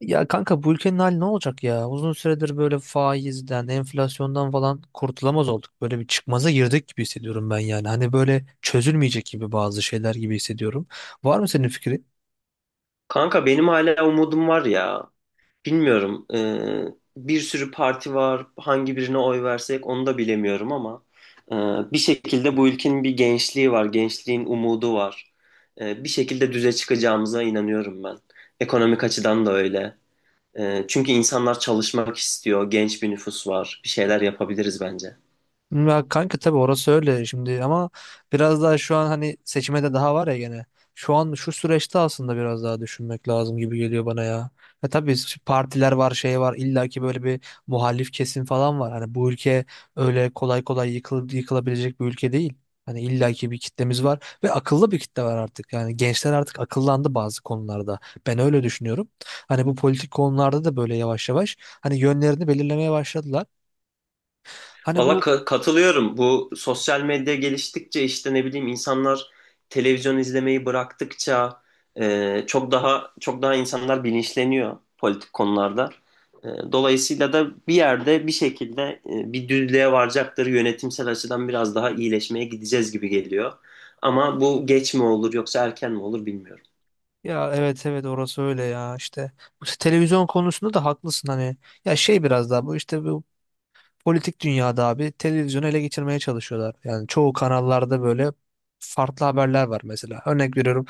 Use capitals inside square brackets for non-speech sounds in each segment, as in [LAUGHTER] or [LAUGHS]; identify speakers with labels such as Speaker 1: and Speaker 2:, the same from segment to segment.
Speaker 1: Ya kanka bu ülkenin hali ne olacak ya? Uzun süredir böyle faizden, enflasyondan falan kurtulamaz olduk. Böyle bir çıkmaza girdik gibi hissediyorum ben yani. Hani böyle çözülmeyecek gibi bazı şeyler gibi hissediyorum. Var mı senin fikrin?
Speaker 2: Kanka benim hala umudum var ya. Bilmiyorum. Bir sürü parti var. Hangi birine oy versek onu da bilemiyorum ama eee, bir şekilde bu ülkenin bir gençliği var. Gençliğin umudu var. Bir şekilde düze çıkacağımıza inanıyorum ben. Ekonomik açıdan da öyle. Çünkü insanlar çalışmak istiyor. Genç bir nüfus var. Bir şeyler yapabiliriz bence.
Speaker 1: Ya kanka tabii orası öyle şimdi ama biraz daha şu an hani seçime de daha var ya gene. Şu an şu süreçte aslında biraz daha düşünmek lazım gibi geliyor bana ya. Ya tabii partiler var şey var illa ki böyle bir muhalif kesim falan var. Hani bu ülke öyle kolay kolay yıkılabilecek bir ülke değil. Hani illa ki bir kitlemiz var ve akıllı bir kitle var artık. Yani gençler artık akıllandı bazı konularda. Ben öyle düşünüyorum. Hani bu politik konularda da böyle yavaş yavaş hani yönlerini belirlemeye başladılar. Hani
Speaker 2: Valla
Speaker 1: bu.
Speaker 2: katılıyorum. Bu sosyal medya geliştikçe işte ne bileyim insanlar televizyon izlemeyi bıraktıkça çok daha insanlar bilinçleniyor politik konularda. Dolayısıyla da bir yerde bir şekilde bir düzlüğe varacaktır. Yönetimsel açıdan biraz daha iyileşmeye gideceğiz gibi geliyor. Ama bu geç mi olur yoksa erken mi olur bilmiyorum.
Speaker 1: Ya evet, evet, orası öyle ya işte bu televizyon konusunda da haklısın. Hani ya şey biraz daha bu işte bu politik dünyada abi televizyonu ele geçirmeye çalışıyorlar, yani çoğu kanallarda böyle farklı haberler var. Mesela örnek veriyorum,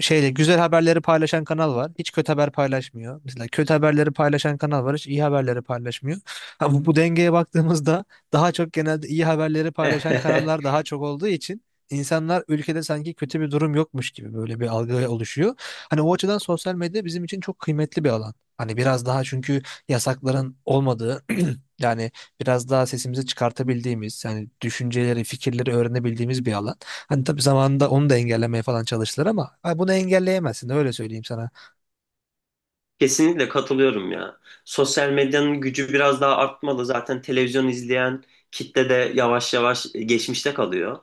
Speaker 1: şeyle güzel haberleri paylaşan kanal var. Hiç kötü haber paylaşmıyor. Mesela kötü haberleri paylaşan kanal var. Hiç iyi haberleri paylaşmıyor. Ha, bu dengeye baktığımızda daha çok genelde iyi haberleri paylaşan
Speaker 2: [LAUGHS]
Speaker 1: kanallar daha çok olduğu için insanlar ülkede sanki kötü bir durum yokmuş gibi böyle bir algı oluşuyor. Hani o açıdan sosyal medya bizim için çok kıymetli bir alan. Hani biraz daha çünkü yasakların olmadığı, [CLEARS THROAT] yani biraz daha sesimizi çıkartabildiğimiz, yani düşünceleri, fikirleri öğrenebildiğimiz bir alan. Hani tabii zamanında onu da engellemeye falan çalıştılar ama ha, bunu engelleyemezsin, öyle söyleyeyim sana.
Speaker 2: Kesinlikle katılıyorum ya. Sosyal medyanın gücü biraz daha artmalı. Zaten televizyon izleyen kitle de yavaş yavaş geçmişte kalıyor.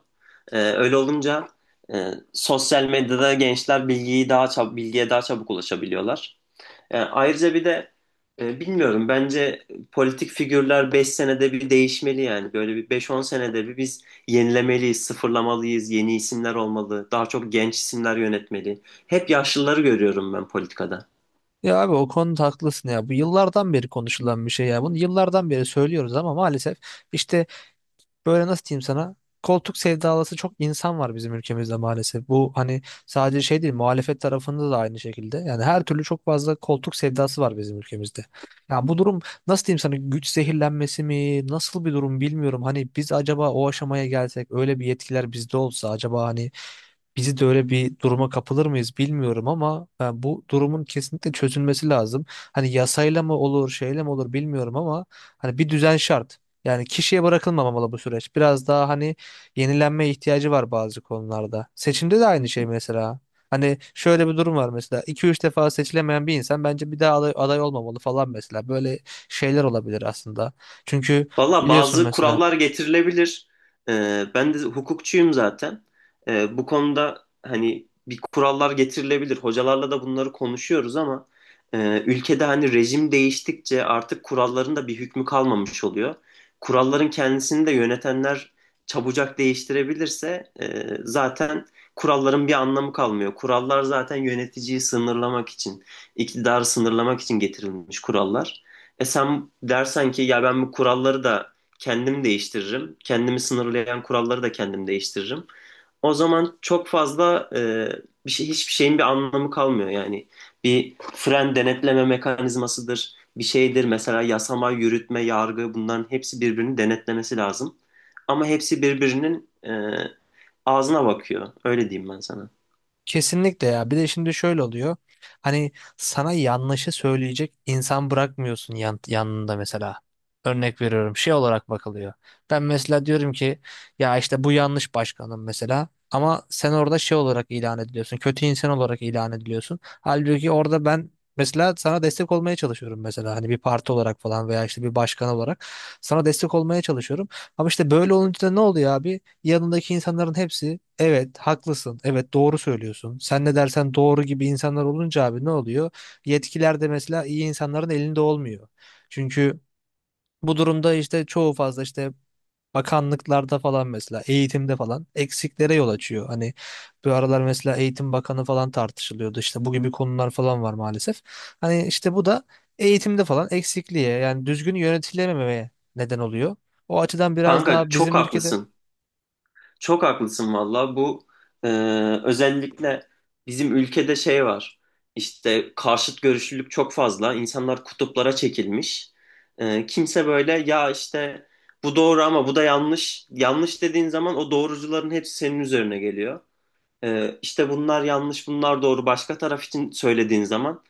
Speaker 2: Öyle olunca sosyal medyada gençler bilgiyi daha çab bilgiye daha çabuk ulaşabiliyorlar. Ayrıca bir de bilmiyorum bence politik figürler 5 senede bir değişmeli yani. Böyle bir beş-on senede bir biz yenilemeliyiz, sıfırlamalıyız, yeni isimler olmalı, daha çok genç isimler yönetmeli. Hep yaşlıları görüyorum ben politikada.
Speaker 1: Ya abi o konuda haklısın ya. Bu yıllardan beri konuşulan bir şey ya. Bunu yıllardan beri söylüyoruz ama maalesef işte böyle, nasıl diyeyim sana? Koltuk sevdalısı çok insan var bizim ülkemizde maalesef. Bu hani sadece şey değil, muhalefet tarafında da aynı şekilde. Yani her türlü çok fazla koltuk sevdası var bizim ülkemizde. Ya bu durum, nasıl diyeyim sana, güç zehirlenmesi mi, nasıl bir durum bilmiyorum. Hani biz acaba o aşamaya gelsek, öyle bir yetkiler bizde olsa acaba hani bizi de öyle bir duruma kapılır mıyız bilmiyorum ama bu durumun kesinlikle çözülmesi lazım. Hani yasayla mı olur, şeyle mi olur bilmiyorum ama hani bir düzen şart. Yani kişiye bırakılmamalı bu süreç. Biraz daha hani yenilenme ihtiyacı var bazı konularda. Seçimde de aynı şey mesela. Hani şöyle bir durum var mesela, iki üç defa seçilemeyen bir insan bence bir daha aday olmamalı falan mesela. Böyle şeyler olabilir aslında. Çünkü
Speaker 2: Valla
Speaker 1: biliyorsun
Speaker 2: bazı
Speaker 1: mesela.
Speaker 2: kurallar getirilebilir. Ben de hukukçuyum zaten. Bu konuda hani bir kurallar getirilebilir. Hocalarla da bunları konuşuyoruz ama ülkede hani rejim değiştikçe artık kuralların da bir hükmü kalmamış oluyor. Kuralların kendisini de yönetenler çabucak değiştirebilirse zaten kuralların bir anlamı kalmıyor. Kurallar zaten yöneticiyi sınırlamak için, iktidarı sınırlamak için getirilmiş kurallar. E sen dersen ki ya ben bu kuralları da kendim değiştiririm. Kendimi sınırlayan kuralları da kendim değiştiririm. O zaman çok fazla bir şey hiçbir şeyin bir anlamı kalmıyor. Yani bir fren denetleme mekanizmasıdır, bir şeydir. Mesela yasama, yürütme, yargı bunların hepsi birbirini denetlemesi lazım. Ama hepsi birbirinin ağzına bakıyor. Öyle diyeyim ben sana.
Speaker 1: Kesinlikle ya. Bir de şimdi şöyle oluyor. Hani sana yanlışı söyleyecek insan bırakmıyorsun yanında mesela. Örnek veriyorum. Şey olarak bakılıyor. Ben mesela diyorum ki ya işte bu yanlış başkanım mesela. Ama sen orada şey olarak ilan ediliyorsun. Kötü insan olarak ilan ediliyorsun. Halbuki orada ben mesela sana destek olmaya çalışıyorum mesela. Hani bir parti olarak falan veya işte bir başkan olarak sana destek olmaya çalışıyorum. Ama işte böyle olunca da ne oluyor abi? Yanındaki insanların hepsi evet haklısın, evet doğru söylüyorsun. Sen ne dersen doğru gibi insanlar olunca abi ne oluyor? Yetkiler de mesela iyi insanların elinde olmuyor. Çünkü bu durumda işte çoğu fazla işte bakanlıklarda falan, mesela eğitimde falan eksiklere yol açıyor. Hani bu aralar mesela Eğitim Bakanı falan tartışılıyordu. İşte bu gibi konular falan var maalesef. Hani işte bu da eğitimde falan eksikliğe, yani düzgün yönetilmemeye neden oluyor. O açıdan biraz
Speaker 2: Kanka
Speaker 1: daha
Speaker 2: çok
Speaker 1: bizim ülkede.
Speaker 2: haklısın. Çok haklısın valla. Bu e, özellikle bizim ülkede şey var. İşte karşıt görüşlülük çok fazla. İnsanlar kutuplara çekilmiş. E, kimse böyle ya işte bu doğru ama bu da yanlış. Yanlış dediğin zaman o doğrucuların hepsi senin üzerine geliyor. E, işte bunlar yanlış, bunlar doğru. Başka taraf için söylediğin zaman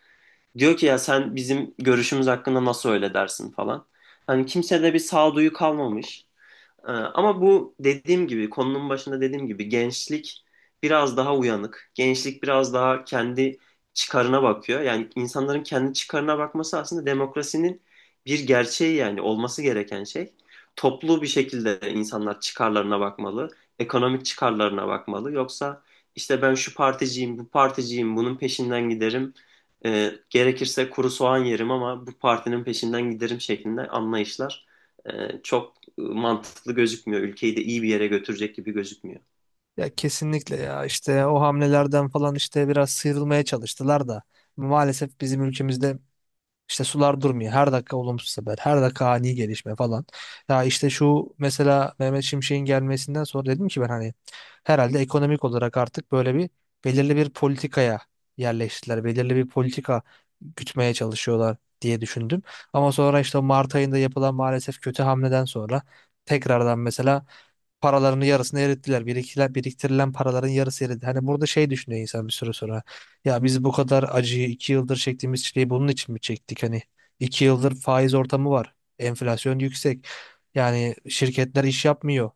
Speaker 2: diyor ki ya sen bizim görüşümüz hakkında nasıl öyle dersin falan. Hani kimsede bir sağduyu kalmamış. Ama bu dediğim gibi konunun başında dediğim gibi gençlik biraz daha uyanık. Gençlik biraz daha kendi çıkarına bakıyor. Yani insanların kendi çıkarına bakması aslında demokrasinin bir gerçeği yani olması gereken şey. Toplu bir şekilde insanlar çıkarlarına bakmalı, ekonomik çıkarlarına bakmalı. Yoksa işte ben şu particiyim, bu particiyim, bunun peşinden giderim. Gerekirse kuru soğan yerim ama bu partinin peşinden giderim şeklinde anlayışlar çok mantıklı gözükmüyor. Ülkeyi de iyi bir yere götürecek gibi gözükmüyor.
Speaker 1: Ya kesinlikle ya, işte o hamlelerden falan işte biraz sıyrılmaya çalıştılar da maalesef bizim ülkemizde işte sular durmuyor. Her dakika olumsuz haber, her dakika ani gelişme falan. Ya işte şu mesela Mehmet Şimşek'in gelmesinden sonra dedim ki ben hani herhalde ekonomik olarak artık böyle bir belirli bir politikaya yerleştiler. Belirli bir politika gütmeye çalışıyorlar diye düşündüm. Ama sonra işte Mart ayında yapılan maalesef kötü hamleden sonra tekrardan mesela paralarını yarısını erittiler. Biriktirilen paraların yarısı eridi. Hani burada şey düşünüyor insan bir süre sonra. Ya biz bu kadar acıyı 2 yıldır çektiğimiz çileyi bunun için mi çektik? Hani 2 yıldır faiz ortamı var. Enflasyon yüksek. Yani şirketler iş yapmıyor.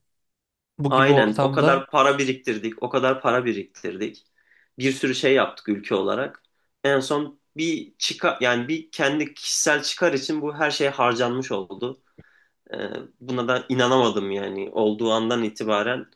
Speaker 1: Bu gibi
Speaker 2: Aynen, o
Speaker 1: ortamda
Speaker 2: kadar para biriktirdik, o kadar para biriktirdik. Bir sürü şey yaptık ülke olarak. En son bir çıkar yani bir kendi kişisel çıkar için bu her şey harcanmış oldu. Ee, Buna da inanamadım yani olduğu andan itibaren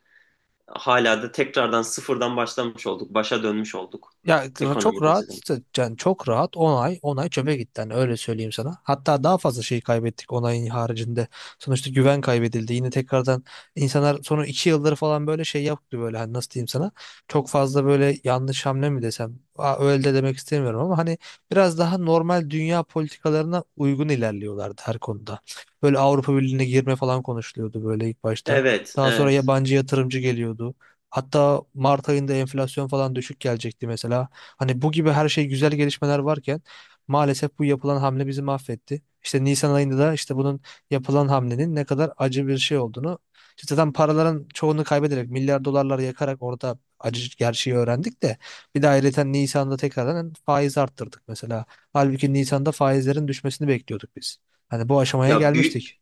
Speaker 2: hala da tekrardan sıfırdan başlamış olduk. Başa dönmüş olduk
Speaker 1: Çok
Speaker 2: ekonomik
Speaker 1: rahat,
Speaker 2: açıdan.
Speaker 1: yani çok rahat 10 ay 10 ay çöpe gitti hani, öyle söyleyeyim sana. Hatta daha fazla şey kaybettik 10 ayın haricinde. Sonuçta güven kaybedildi. Yine tekrardan insanlar sonra 2 yıldır falan böyle şey yaptı böyle, hani nasıl diyeyim sana. Çok fazla böyle yanlış hamle mi desem? Aa, öyle de demek istemiyorum ama hani biraz daha normal dünya politikalarına uygun ilerliyorlardı her konuda. Böyle Avrupa Birliği'ne girme falan konuşuluyordu böyle ilk başta.
Speaker 2: Evet,
Speaker 1: Daha sonra
Speaker 2: evet.
Speaker 1: yabancı yatırımcı geliyordu. Hatta Mart ayında enflasyon falan düşük gelecekti mesela. Hani bu gibi her şey güzel gelişmeler varken maalesef bu yapılan hamle bizi mahvetti. İşte Nisan ayında da işte bunun, yapılan hamlenin ne kadar acı bir şey olduğunu işte zaten paraların çoğunu kaybederek milyar dolarlar yakarak orada acı gerçeği öğrendik de, bir de ayrıca Nisan'da tekrardan faiz arttırdık mesela. Halbuki Nisan'da faizlerin düşmesini bekliyorduk biz. Hani bu aşamaya
Speaker 2: Ya büyük
Speaker 1: gelmiştik.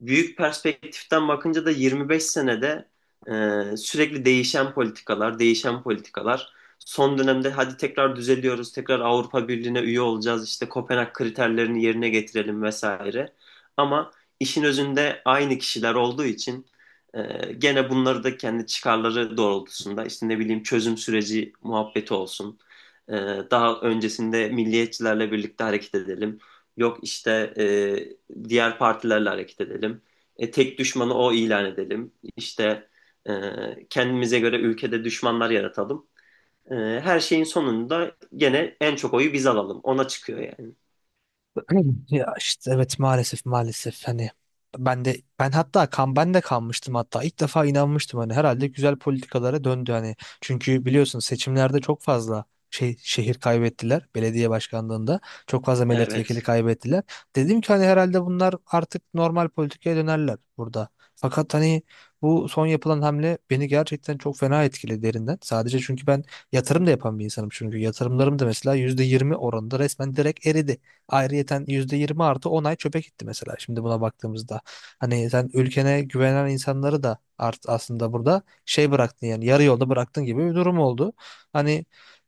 Speaker 2: büyük perspektiften bakınca da 25 senede sürekli değişen politikalar, değişen politikalar. Son dönemde hadi tekrar düzeliyoruz, tekrar Avrupa Birliği'ne üye olacağız, işte Kopenhag kriterlerini yerine getirelim vesaire. Ama işin özünde aynı kişiler olduğu için gene bunları da kendi çıkarları doğrultusunda, işte ne bileyim çözüm süreci muhabbeti olsun. E, Daha öncesinde milliyetçilerle birlikte hareket edelim. Yok işte diğer partilerle hareket edelim. Tek düşmanı o ilan edelim. İşte kendimize göre ülkede düşmanlar yaratalım. Her şeyin sonunda gene en çok oyu biz alalım. Ona çıkıyor yani.
Speaker 1: [CLEARS THROAT] Ya işte evet, maalesef maalesef hani ben de kanmıştım, hatta ilk defa inanmıştım hani herhalde güzel politikalara döndü hani, çünkü biliyorsun seçimlerde çok fazla şey şehir kaybettiler belediye başkanlığında, çok fazla milletvekili
Speaker 2: Evet.
Speaker 1: kaybettiler. Dedim ki hani herhalde bunlar artık normal politikaya dönerler burada fakat hani bu son yapılan hamle beni gerçekten çok fena etkiledi derinden. Sadece çünkü ben yatırım da yapan bir insanım, çünkü yatırımlarım da mesela %20 oranında resmen direkt eridi. Ayrıyeten %20 artı 10 ay çöpe gitti mesela şimdi buna baktığımızda. Hani sen ülkene güvenen insanları da art aslında burada şey bıraktın, yani yarı yolda bıraktın gibi bir durum oldu. Hani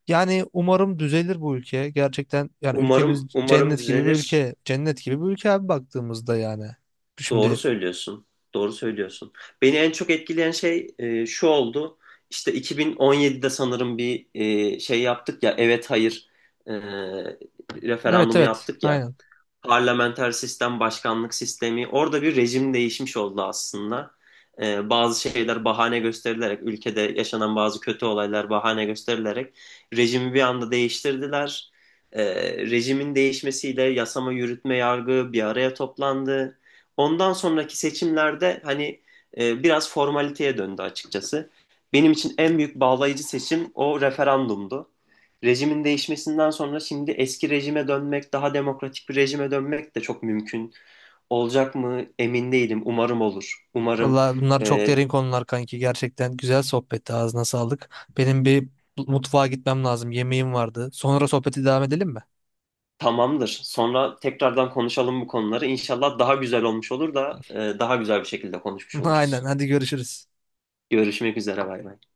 Speaker 1: yani umarım düzelir bu ülke. Gerçekten yani ülkemiz
Speaker 2: Umarım umarım
Speaker 1: cennet gibi bir
Speaker 2: düzelir.
Speaker 1: ülke. Cennet gibi bir ülke abi baktığımızda yani.
Speaker 2: Doğru
Speaker 1: Şimdi,
Speaker 2: söylüyorsun. Doğru söylüyorsun. Beni en çok etkileyen şey şu oldu. İşte 2017'de sanırım bir şey yaptık ya. Evet, hayır, e,
Speaker 1: evet,
Speaker 2: referandumu
Speaker 1: evet,
Speaker 2: yaptık ya.
Speaker 1: aynen.
Speaker 2: Parlamenter sistem, başkanlık sistemi. Orada bir rejim değişmiş oldu aslında. Bazı şeyler bahane gösterilerek, ülkede yaşanan bazı kötü olaylar bahane gösterilerek rejimi bir anda değiştirdiler. Ee, Rejimin değişmesiyle yasama, yürütme, yargı bir araya toplandı. Ondan sonraki seçimlerde hani biraz formaliteye döndü açıkçası. Benim için en büyük bağlayıcı seçim o referandumdu. Rejimin değişmesinden sonra şimdi eski rejime dönmek, daha demokratik bir rejime dönmek de çok mümkün olacak mı emin değilim. Umarım olur. Umarım.
Speaker 1: Valla bunlar çok
Speaker 2: e,
Speaker 1: derin konular kanki. Gerçekten güzel sohbetti. Ağzına sağlık. Benim bir mutfağa gitmem lazım. Yemeğim vardı. Sonra sohbeti devam edelim mi?
Speaker 2: Tamamdır. Sonra tekrardan konuşalım bu konuları. İnşallah daha güzel olmuş olur da daha güzel bir şekilde konuşmuş
Speaker 1: [LAUGHS] Aynen,
Speaker 2: oluruz.
Speaker 1: hadi görüşürüz.
Speaker 2: Görüşmek üzere, bay bay.